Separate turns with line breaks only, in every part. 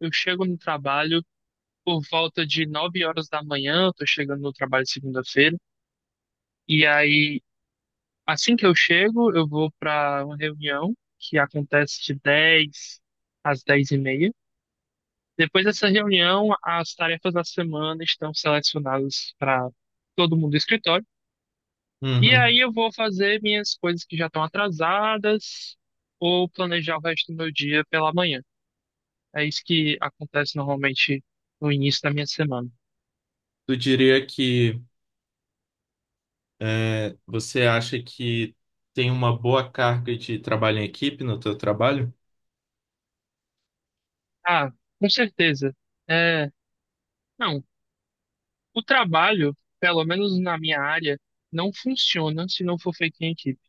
Eu chego no trabalho por volta de 9 horas da manhã, eu tô chegando no trabalho segunda-feira, e aí, assim que eu chego, eu vou para uma reunião que acontece de 10h às 10h30. Depois dessa reunião, as tarefas da semana estão selecionadas para todo mundo do escritório, e aí
Uhum.
eu vou fazer minhas coisas que já estão atrasadas ou planejar o resto do meu dia pela manhã. É isso que acontece normalmente no início da minha semana.
Tu diria que você acha que tem uma boa carga de trabalho em equipe no teu trabalho?
Ah, com certeza. É, não, o trabalho, pelo menos na minha área, não funciona se não for feito em equipe.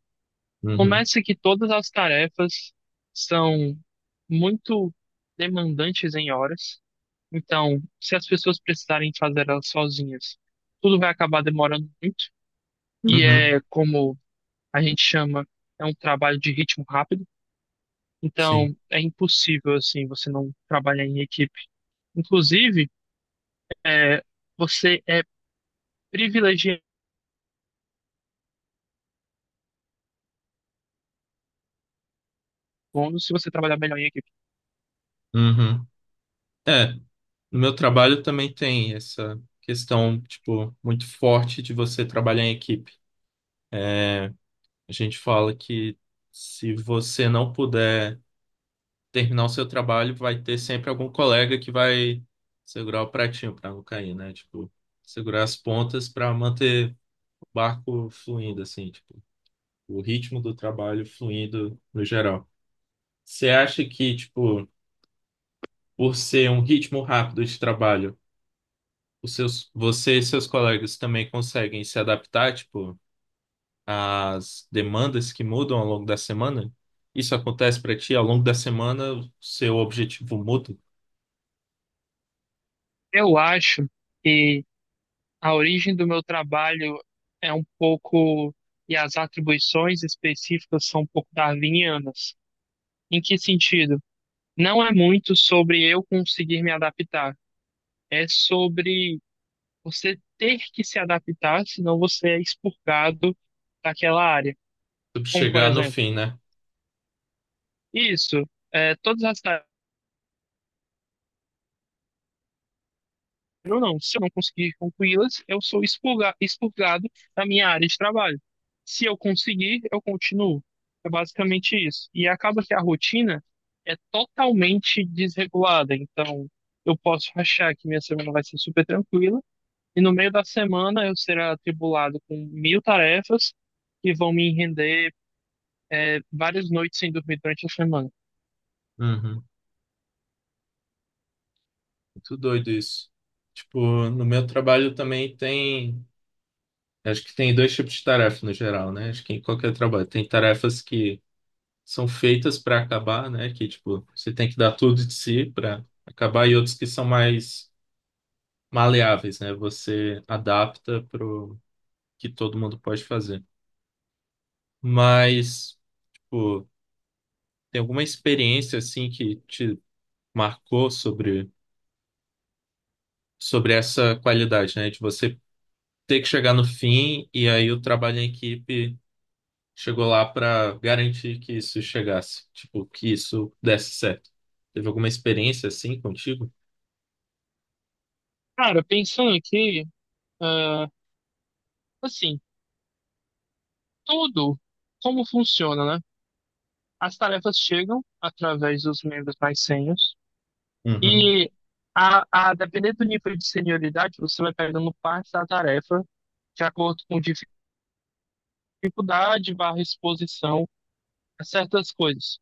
Uhum.
Começa que todas as tarefas são muito demandantes em horas. Então, se as pessoas precisarem fazer elas sozinhas, tudo vai acabar demorando muito. E
Uhum.
é como a gente chama, é um trabalho de ritmo rápido.
Sim.
Então, é impossível, assim, você não trabalhar em equipe. Inclusive, é, você é privilegiando se você trabalhar melhor em equipe.
Uhum. É, no meu trabalho também tem essa questão, tipo, muito forte de você trabalhar em equipe. A gente fala que se você não puder terminar o seu trabalho, vai ter sempre algum colega que vai segurar o pratinho para não cair, né? Tipo, segurar as pontas para manter barco fluindo, assim, tipo, o ritmo do trabalho fluindo no geral. Você acha que, tipo, por ser um ritmo rápido de trabalho, você e seus colegas também conseguem se adaptar, tipo, às demandas que mudam ao longo da semana? Isso acontece para ti? Ao longo da semana, seu objetivo muda?
Eu acho que a origem do meu trabalho é um pouco, e as atribuições específicas são um pouco darwinianas. Em que sentido? Não é muito sobre eu conseguir me adaptar, é sobre você ter que se adaptar, senão você é expurgado daquela área.
Tu
Como, por
Chegar no
exemplo,
fim, né?
isso, é, todas as ou não. Se eu não conseguir concluí-las, eu sou expurgado da minha área de trabalho. Se eu conseguir, eu continuo. É basicamente isso. E acaba que a rotina é totalmente desregulada. Então, eu posso achar que minha semana vai ser super tranquila, e no meio da semana eu serei atribulado com 1.000 tarefas que vão me render várias noites sem dormir durante a semana.
Uhum. Muito doido isso. Tipo, no meu trabalho também tem. Acho que tem dois tipos de tarefa no geral, né? Acho que em qualquer trabalho tem tarefas que são feitas para acabar, né? Que tipo, você tem que dar tudo de si para acabar, e outros que são mais maleáveis, né? Você adapta pro que todo mundo pode fazer. Mas, tipo, tem alguma experiência assim que te marcou sobre essa qualidade, né? De você ter que chegar no fim e aí o trabalho em equipe chegou lá para garantir que isso chegasse, tipo, que isso desse certo. Teve alguma experiência assim contigo?
Cara, pensando aqui, ah, assim, tudo como funciona, né? As tarefas chegam através dos membros mais sênios
Uhum,
e, a depender do nível de senioridade, você vai pegando parte da tarefa de acordo com dificuldade barra exposição a certas coisas.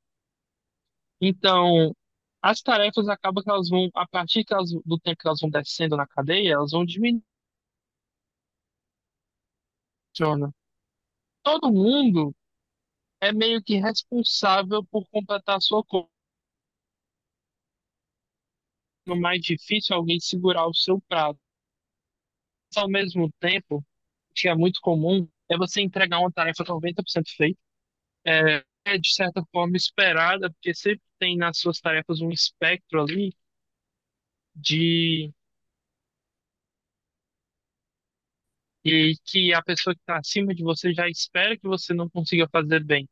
Então, as tarefas acabam que elas vão, a partir que do tempo que elas vão descendo na cadeia, elas vão diminuindo. Todo mundo é meio que responsável por completar a sua conta. O mais difícil é alguém segurar o seu prato. Mas, ao mesmo tempo, que é muito comum é você entregar uma tarefa 90% feita. É, é, de certa forma, esperada, porque sempre tem nas suas tarefas um espectro ali de e que a pessoa que está acima de você já espera que você não consiga fazer bem.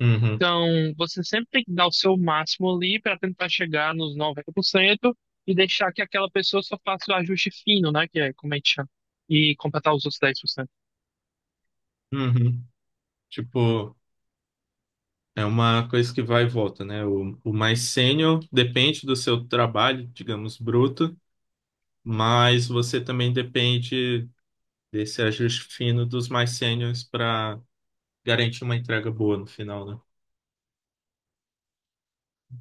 uhum,
Então, você sempre tem que dar o seu máximo ali para tentar chegar nos 90% e deixar que aquela pessoa só faça o ajuste fino, né? Que é como a gente chama. E completar os outros 10%.
uhum. Tipo, é uma coisa que vai e volta, né? O mais sênior depende do seu trabalho, digamos, bruto, mas você também depende desse ajuste fino dos mais sêniores para garantir uma entrega boa no final, né?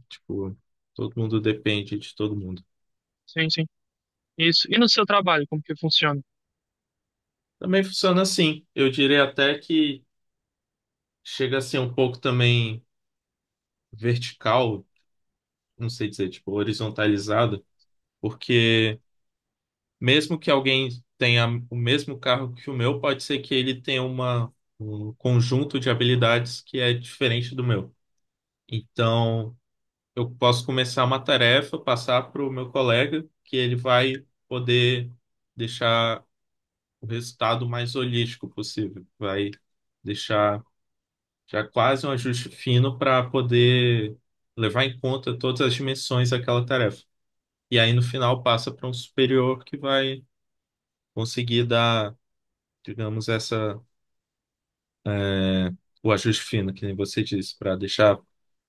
Tipo, todo mundo depende de todo mundo.
Sim, sim. Isso. E no seu trabalho, como que funciona?
Também funciona assim. Eu diria até que chega a ser um pouco também vertical, não sei dizer, tipo, horizontalizado, porque mesmo que alguém tenha o mesmo carro que o meu, pode ser que ele tenha um conjunto de habilidades que é diferente do meu. Então, eu posso começar uma tarefa, passar para o meu colega, que ele vai poder deixar o resultado mais holístico possível, vai deixar. Já é quase um ajuste fino para poder levar em conta todas as dimensões daquela tarefa. E aí, no final, passa para um superior que vai conseguir dar, digamos, é, o ajuste fino, que nem você disse, para deixar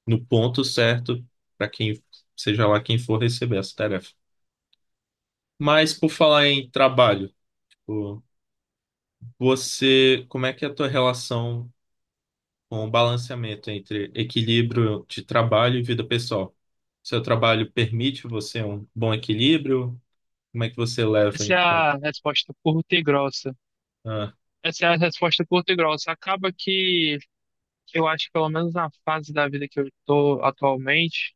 no ponto certo para quem, seja lá quem for receber essa tarefa. Mas, por falar em trabalho, tipo, você, como é que é a tua relação com balanceamento entre equilíbrio de trabalho e vida pessoal? Seu trabalho permite você um bom equilíbrio? Como é que você leva
Essa é
em conta?
a resposta curta e grossa.
Ah,
Essa é a resposta curta e grossa. Acaba que eu acho que pelo menos na fase da vida que eu estou atualmente,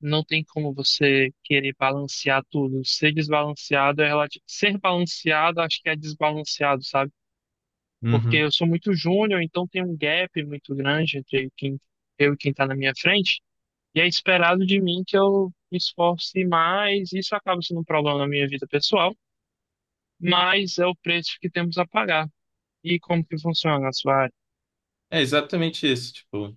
não tem como você querer balancear tudo. Ser desbalanceado é relativo. Ser balanceado, acho que é desbalanceado, sabe? Porque
uhum.
eu sou muito júnior, então tem um gap muito grande entre quem eu e quem está na minha frente. E é esperado de mim que eu me esforce mais. Isso acaba sendo um problema na minha vida pessoal, mas é o preço que temos a pagar. E como que funciona a sua área?
É exatamente isso. Tipo, no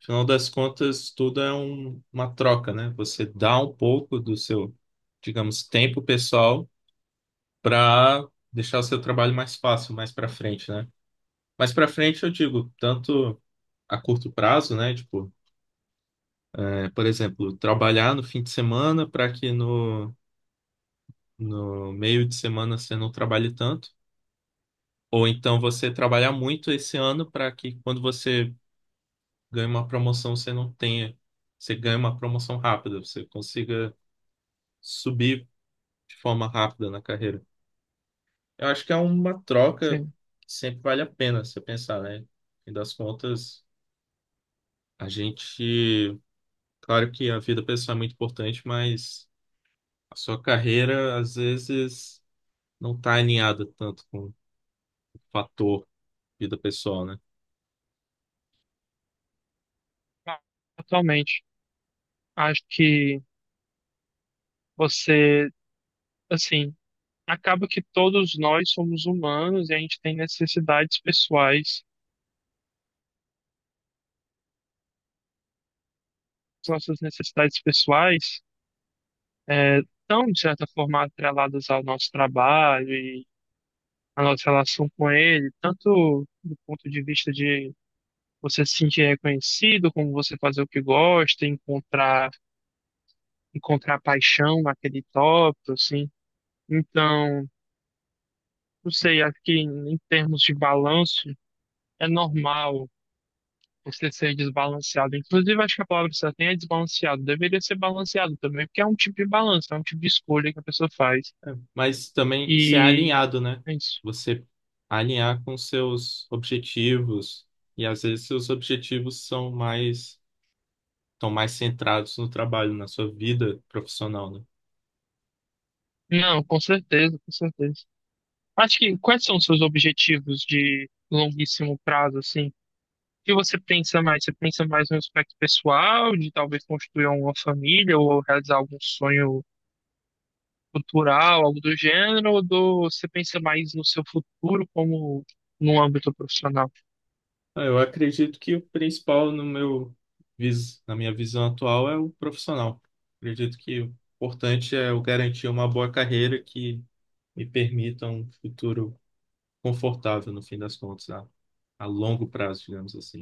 final das contas, tudo é uma troca, né? Você dá um pouco do seu, digamos, tempo pessoal para deixar o seu trabalho mais fácil, mais para frente, né? Mais para frente, eu digo, tanto a curto prazo, né? Tipo, por exemplo, trabalhar no fim de semana para que no meio de semana você não trabalhe tanto, ou então você trabalhar muito esse ano para que quando você ganha uma promoção você não tenha, você ganhe uma promoção rápida, você consiga subir de forma rápida na carreira. Eu acho que é uma troca que
Sim.
sempre vale a pena você pensar, né? E das contas, a gente, claro que a vida pessoal é muito importante, mas a sua carreira às vezes não está alinhada tanto com o fator vida pessoal, né?
Totalmente. Acho que você, assim, acaba que todos nós somos humanos e a gente tem necessidades pessoais. As nossas necessidades pessoais estão, de certa forma, atreladas ao nosso trabalho e à nossa relação com ele, tanto do ponto de vista de você se sentir reconhecido, como você fazer o que gosta, encontrar, encontrar paixão naquele tópico, assim. Então, não sei, acho que em termos de balanço, é normal você ser desbalanceado. Inclusive, acho que a palavra certa nem é desbalanceado. Deveria ser balanceado também, porque é um tipo de balanço, é um tipo de escolha que a pessoa faz.
Mas também ser
E
alinhado, né?
é isso.
Você alinhar com seus objetivos e às vezes seus objetivos são mais estão mais centrados no trabalho, na sua vida profissional, né?
Não, com certeza, com certeza. Acho que quais são os seus objetivos de longuíssimo prazo, assim? O que você pensa mais? Você pensa mais no aspecto pessoal, de talvez construir uma família ou realizar algum sonho cultural, algo do gênero, ou do, você pensa mais no seu futuro como no âmbito profissional?
Ah, eu acredito que o principal no meu na minha visão atual é o profissional. Acredito que o importante é eu garantir uma boa carreira que me permita um futuro confortável no fim das contas, a longo prazo, digamos assim.